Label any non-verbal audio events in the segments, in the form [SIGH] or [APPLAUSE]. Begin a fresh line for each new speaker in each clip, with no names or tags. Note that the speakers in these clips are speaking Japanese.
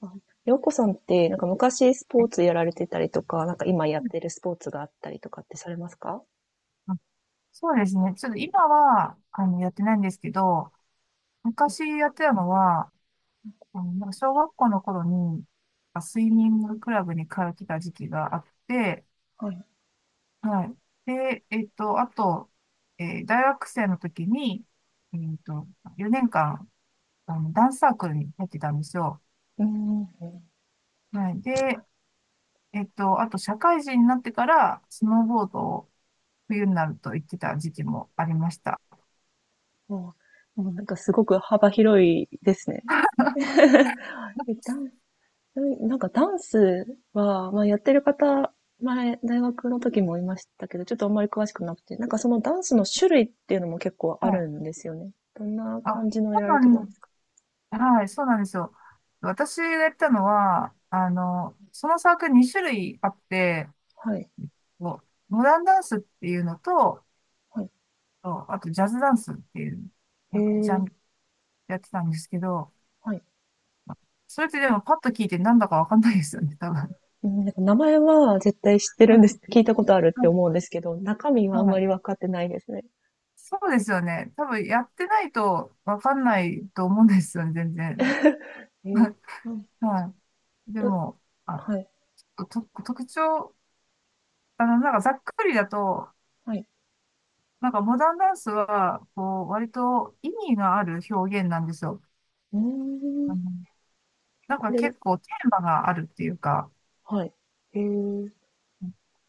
あ、洋子さんって、なんか昔スポ
あ
ーツやられてたりとか、なんか今やってるスポーツがあったりとかってされますか？
そうですね。ちょっと今は、やってないんですけど、昔やってたのは、なんか小学校の頃に、スイミングクラブに通ってた時期があって、
はい。
はい。で、あと、大学生の時に、えっと、4年間、ダンスサークルに入ってたんですよ。
うん。
はい。で、あと、社会人になってから、スノーボードを冬になると行ってた時期もありました。
ももうなんかすごく幅広いですね。[LAUGHS] えダンなんかダンスは、まあやってる方、前、大学の時もいましたけど、ちょっとあんまり詳しくなくて、なんかそのダンスの種類っていうのも結構
は
あ
い。
るんですよね。どんな
あ、
感じの
そ
や
う
られ
な
て
ん
たんで
で
すか？
す。はい、そうなんですよ。私がやったのは、そのサークル2種類あって、
はい。
こうモダンダンスっていうのと、
はい。
とあとジャズダンスっていう、
え
なんかジャンル
え、
やってたんですけど、
はい。
それってでもパッと聞いてなんだかわかんないですよね、多分。は
うん、なんか名前は絶対知って
い
るんで
は
す。聞いたことあるって思うんですけど、中身
い
はあん
は
まり分
い。
かってないですね。
そうですよね。多分やってないとわかんないと思うんですよね、全然。
えー
[LAUGHS]
うん、
はい。で
と
も、あ、
はい、
と、特徴、なんかざっくりだと、
はい。
なんかモダンダンスは、こう、割と意味がある表現なんですよ。
うー
あ
ん、
の、なん
こ
か
れ
結構テーマがあるっていうか、
はい、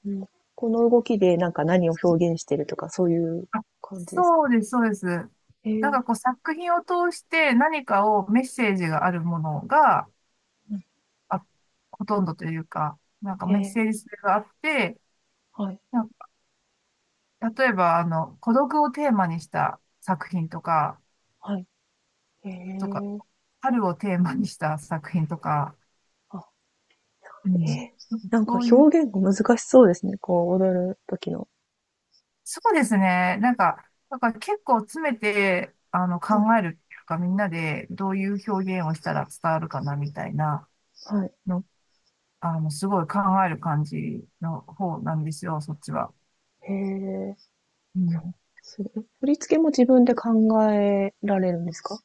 うん。この動きでなんか何を表現してるとか、そういう
あ、
感じですか？
そうです、そうです。なんかこう作品を通して何かをメッセージがあるものが、
うん、
あ、ほとんどというか、なんかメッ
え
セージ性があって、
はい、
なんか例えば孤独をテーマにした作品とか、
はい。
とか、春をテーマにした作品とか、
あ、
う
え
ん。
ーなんか
そういう
表現が難しそうですね、こう踊る時の。
そうですね。なんか結構詰めて、考
はい、
えるっていうか、みんなでどういう表現をしたら伝わるかな、みたいな
はい。
の、すごい考える感じの方なんですよ、そっちは。
へえ、
うん、
すごい。振り付けも自分で考えられるんですか？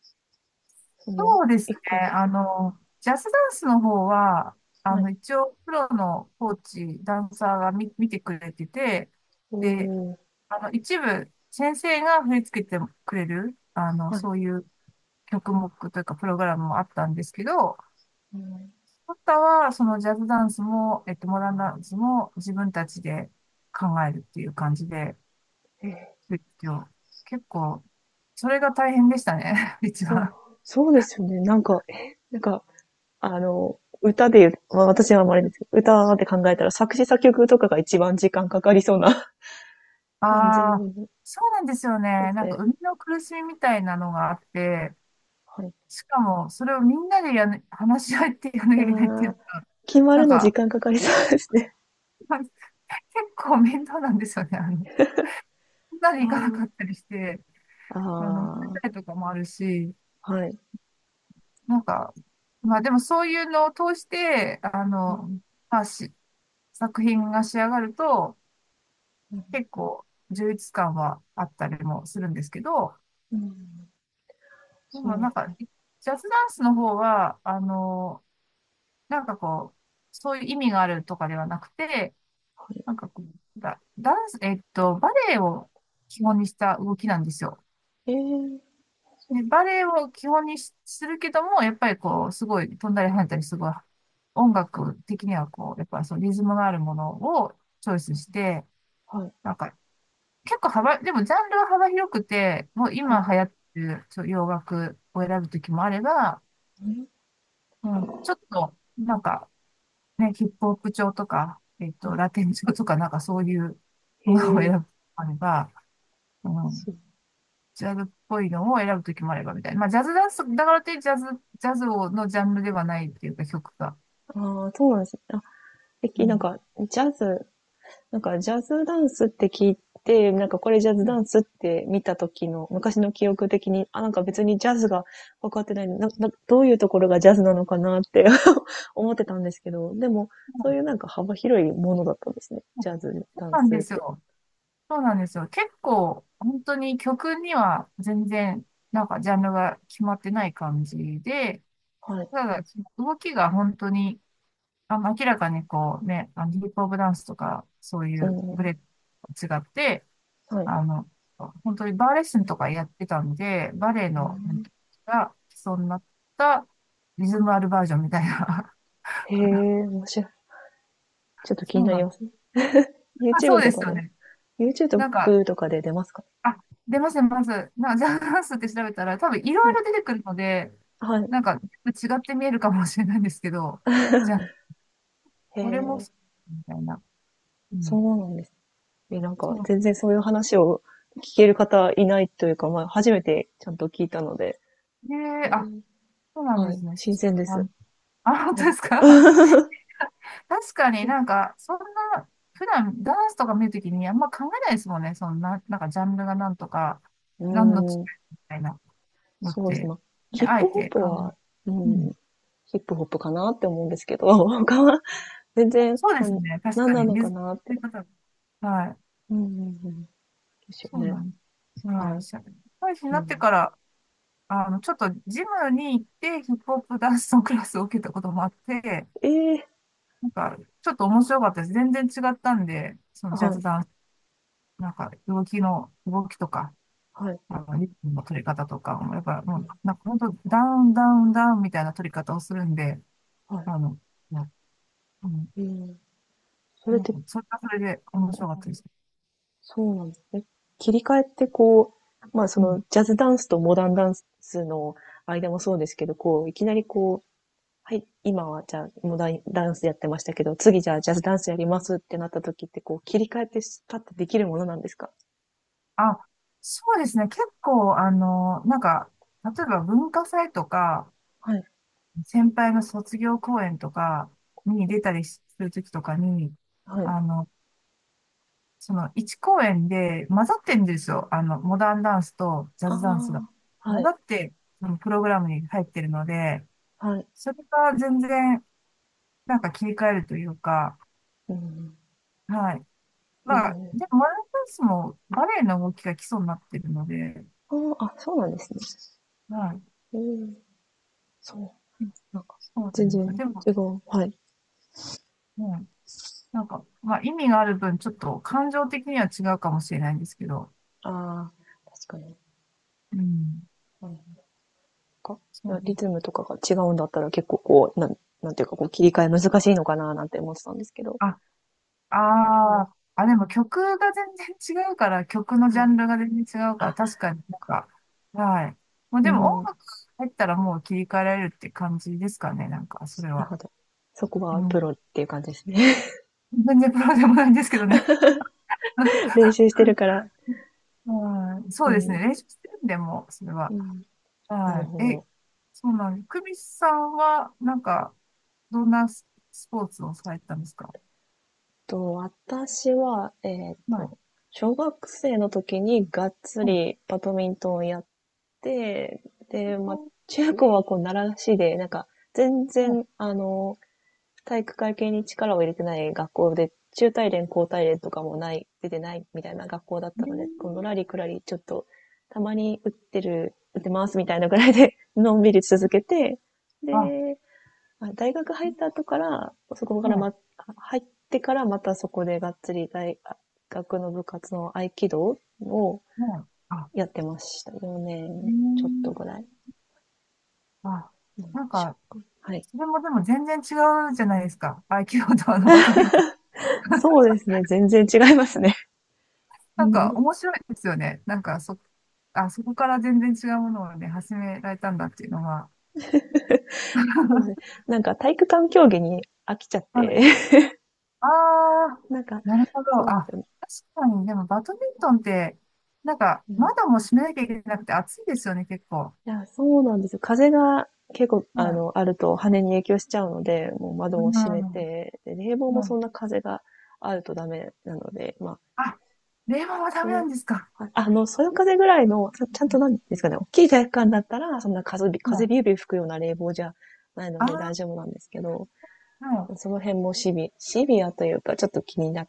その、
そうです
一個一
ね。
個
ジャズダンスの方は、
はい。
一応、プロのコーチ、ダンサーが見てくれてて、
お
で、
お。
一部、先生が振り付けてくれる、
はい。
そういう曲目というか、プログラムもあったんですけど、
うん。
あとは、そのジャズダンスも、モダンダンスも自分たちで考えるっていう感じで、
え、
勉強結構それが大変でしたね、[LAUGHS] 一
そう、
番。
そうですよね。なんか、なんか、あの、歌で言う、まあ、私はあんまりですけど、歌って考えたら作詞作曲とかが一番時間かかりそうな [LAUGHS] 感じ
ああ、そうなんですよ
で
ね。
す
なんか、
ね。
生みの苦しみみたいなのがあって、
はい。
しかも、それをみんなでね、話し合ってやらなき
い
ゃ
や
いけないっていう
ー、
のが、
決ま
なん
るの時
か、
間かかりそうですね。
まあ結構面倒なんですよね。みんなで行
な
か
る
な
ほど。
かったりして、寝
あ
たりとかもあるし、
あ、はい。
なんか、まあでもそういうのを通して、
うん、
まあし、作品が仕上がると、
うん。
結構充実感はあったりもするんですけど、
ー
で
そ
もなん
う、
か、ジャズダンスの方は、なんかこう、そういう意味があるとかではなくて、
はい。
なんかこう、ダンス、バレエを基本にした動きなんですよ。
えー
ね、バレエを基本にしするけども、やっぱりこう、すごい飛んだり跳ねたり、すごい、音楽的にはこう、やっぱりそのリズムのあるものをチョイスして、
はい、
なんか、結構幅、でもジャンルは幅広くて、もう
は
今
い、
流行ってる洋楽を選ぶときもあれば、
うん、
うん、ちょっと、なんか、ね、ヒップホップ調とか、
は
ラテン調とか、なんかそういう
い。
ものを選
へ
ぶときもあれば、うん、
そう。
ジャズっぽいのを選ぶときもあればみたいな。まあ、ジャズダンス、だからといってジャズをのジャンルではないっていうか曲が。
ああ、そうなんですね。あ、え
う
きなん
ん。
か、ジャズなんかジャズダンスって聞いて、なんかこれジャズダンスって見た時の昔の記憶的に、あ、なんか別にジャズが分かってないなな、どういうところがジャズなのかなって [LAUGHS] 思ってたんですけど、でもそういうなんか幅広いものだったんですね。ジャズ
そ
ダン
うなん
ス
で
っ
す
て。
よ。そうなんですよ。結構、本当に曲には全然、なんかジャンルが決まってない感じで、
はい。
ただ、その動きが本当に、明らかにこうね、ヒップホップダンスとか、そうい
う
うブ
ん。
レと違って、
はい。
あの、本当にバーレッスンとかやってたんで、バレエ
う
の、本
ん、
当が基礎になったリズムあるバージョンみたいな。
へえ、面白い。ち
[LAUGHS]
ょっと気に
そう
な
な
り
んだ。
ますね。
あ、
YouTube
そうで
と
す
か
よ
で、
ね。なんか、
YouTube とかで出ますか？
あ、出ます出ますな、ジャズダンスって調べたら、多分いろ
は
い
い。
ろ出てくるので、
はい。
なんか、違って見えるかもしれないんですけど、じゃあ、
へ
これも
え、
そう、みたいな。う
そ
ん。
うなんですね。え、なんか、
そう。
全然そういう話を聞ける方いないというか、まあ、初めてちゃんと聞いたので、
ね
え
え、あ、
ー
そうなん
は
で
い、
すね。
新鮮で
あ、
す。
あ、本当
あ、
ですか？確かに
そう。
なんか、そんな、普段ダンスとか見るときにあんま考えないですもんね。そんな、なんかジャンルがなんとか、
うー
何の違い
ん、
みたいなのっ
そうですね。
て、
まあ、
ね、
ヒッ
あえ
プホッ
て
プは、う
う
ん、
ん。
ヒップホップかなって思うんですけど、[LAUGHS] 他は全然、
そうで
な
す
ん、
ね。確
なん
か
な
に。
のか
水
なっ
の
て。
方。はい。
うん、うん、うん。ですよ
そう
ね。
なんです。は
は
い。
い。
社会人に
う
なって
ん、
から、ちょっとジムに行ってヒップホップダンスのクラスを受けたこともあって、
ええ、
なんか、ちょっと面白かったです。全然違ったんで、そのジャ
は
ズ
い、
ダンス、なんか、動きとか、
はい、
まあの、リップの取り方とかも、やっぱ、
は
もう、
い、
なんか本当、ダウン、ダウン、ダウンみたいな取り方をするんで、
はい。
あの、まあうん、
うん、それっ
なんか、
て、
それはそれで面白かった
う
で
ん、
す。
そうなんですね。切り替えってこう、まあそ
う
の
ん。
ジャズダンスとモダンダンスの間もそうですけど、こう、いきなりこう、はい、今はじゃあモダンダンスやってましたけど、次じゃあジャズダンスやりますってなった時ってこう、切り替えってパッてできるものなんですか？
あ、そうですね。結構、なんか、例えば文化祭とか、
はい、
先輩の卒業公演とかに出たりするときとかに、
はい。
あの、その1公演で混ざってるんですよ。モダンダンスとジャズダンスが。
ああ、は
混ざ
い、
って、そのプログラムに入ってるので、
はい。
それが全然、なんか切り替えるというか、
うん。
はい。まあ、
え
で
え、
も、ワンダンスもバレエの動きが基礎になってるので、
ああ、そうなんですね。
はい。
うん、そう。なんか、
そうな
全
んですよ。
然
でも、
違う。はい。
うん、なんか、まあ、意味がある分、ちょっと感情的には違うかもしれないんですけど、
ああ、確かに。
うん。
はい。か、
そう。
リズムとかが違うんだったら結構こう、なんていうかこう切り替え難しいのかななんて思ってたんですけど、
あ、
も
あ
う、
ーあ、でも曲が全然違うから、曲のジ
は
ャ
い。
ンルが全然違うから、
あ、
確かになんか、はい。もう
う
でも音
ん、な
楽入ったらもう切り替えられるって感じですかね、なんか、それ
る
は。
ほど。そこ
う
は
ん、
プロっていう感じですね。
全然プロでもないんですけどね。
[LAUGHS] 練習してるから。
はい。
う
そうですね。
ん、
練習してるんで、もう、それ
う
は。
ん、なる
は
ほ
い。
ど。
そうなんです。久美さんは、なんか、どんなスポーツをされてたんですか？
私は、
はい。
小学生の時にがっつ
はい。
りバドミントンをやって、で、まあ、中高はこう、習志で、なんか、全
はい。
然、あの、体育会系に力を入れてない学校で、中体連、高体連とかもない、出てないみたいな学校だったので、こうのらりくらり、ちょっと、たまに打ってる、打ってますみたいなぐらいで、のんびり続けて、
あ、は
で、大学入った後から、そこから
い。
ま、入ってからまたそこでがっつり大学の部活の合気道を
はい。あ、
やってました。4
え
年ちょっとぐ
ー、
らい。
あ、なんか、
はい。
それもでも全然違うじゃないですか。合気道とあのバドミントン。
そうですね。全然違いますね。う
なんか、
ん、
面白いですよね。なんか、あ、そこから全然違うものをね、始められたんだっていうのは。
そうなん
[LAUGHS]
なんか体育館競技に飽きちゃっ
は
て、
い。ああ、
[LAUGHS] なんか、
なるほど。
そうです
あ、
ね。
確かに、でもバドミントンって、なんか、
うん。い
窓も閉めなきゃいけなくて暑いですよね、結構。
や、そうなんですよ。風が結構、
う
あ
ん。
の、あると羽に影響しちゃうので、もう
う
窓を閉め
ん。
て、で、冷房も
う
そん
ん。
な風があるとダメなので、まあ、
あ、冷房はダメ
そ
な
う、
んですか？
そよ風ぐらいの、ちゃちゃん
う
と
ん。
なんですかね、大きい体育館だったら、そんな風び、
う
風
ん
ビュービュー吹くような冷房じゃないので
あ
大
あ
丈夫なんですけど、
はい。
その辺もシビアというか、ちょっと気になっ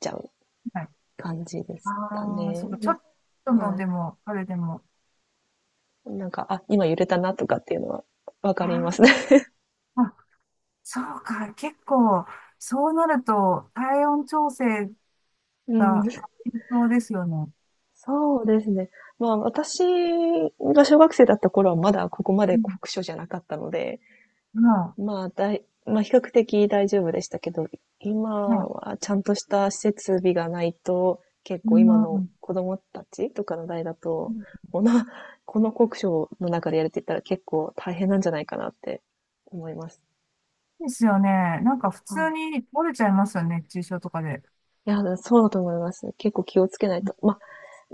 ちゃう
はい。
感じでした
ああ、
ね。
そうか、ちょ
ま
っと
あ、は
の
い。
でも、あれでも。
なんか、あ、今揺れたなとかっていうのはわか
あ
りますね。
ーあ、そうか、結構、そうなると、体温調整
[LAUGHS] う
が
ん。
必要ですよね。
そうですね。まあ、私が小学生だった頃はまだここま
う
で
ん。
酷暑じゃなかったので、
まあ、
まあ、まあ、比較的大丈夫でしたけど、
ま
今
あ、
はちゃんとした施設備がないと、結
う
構今の
ん。
子供たちとかの代だと、この、この酷暑の中でやるって言ったら結構大変なんじゃないかなって思います。
ですよね。なんか普
はい。
通に折れちゃいますよね。熱中症とかで。
いや、そうだと思います。結構気をつけないと。まあ、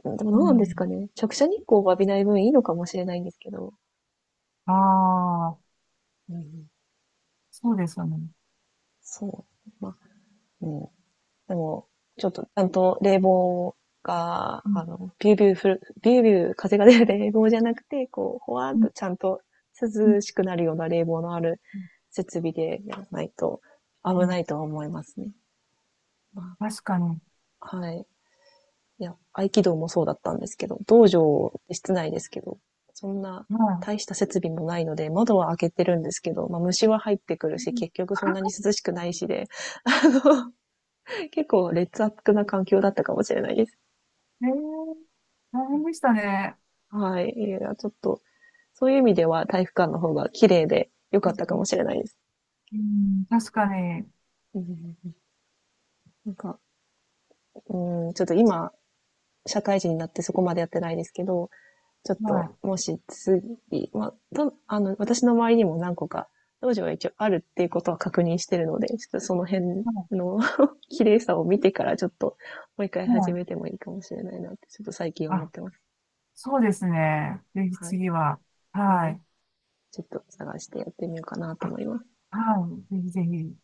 うん、でもど
う
うなんです
ん。
かね。直射日光を浴びない分いいのかもしれないんですけど。
ああ、
うん、
そうですよね。
そう。まあ、うん。でも、ちょっとちゃんと冷房が、
うん。
あの、ビュービュー風が出る冷房じゃなくて、こう、ほわーっ
うん。
とちゃんと
うん。
涼しくなるような冷房のある設備でやらないと
う
危
ん
ないとは思いますね。ま
確かに。
あ、はい。いや、合気道もそうだったんですけど、道場って室内ですけど、そんな
は
大した設備もないので、窓は開けてるんですけど、まあ虫は入ってくる
い。
し、
うん
結局そんなに涼しくないしで、結構劣悪な環境だったかもしれないです。
えー、大変でしたね。
はい。いや、ちょっと、そういう意味では体育館の方が綺麗で良
う
かったかも
ん
しれないです。
うん確かに。
うん、なんか、うん、ちょっと今、社会人になってそこまでやってないですけど、ちょっ
は
と、
い。
もし次、まあ、たあの、私の周りにも何個か、道場は一応あるっていうことは確認してるので、ちょっとその辺
は
の [LAUGHS] 綺麗さを見てからちょっと、もう一回
い。は
始めて
い
もいいかもしれないなって、ちょっと最近思っ
あ、
てます。
そうですね。ぜひ
はい。
次は。
は
は
い。
い。
ちょっと探してやってみようかなと
あ、
思います。
はい。ぜひぜひ。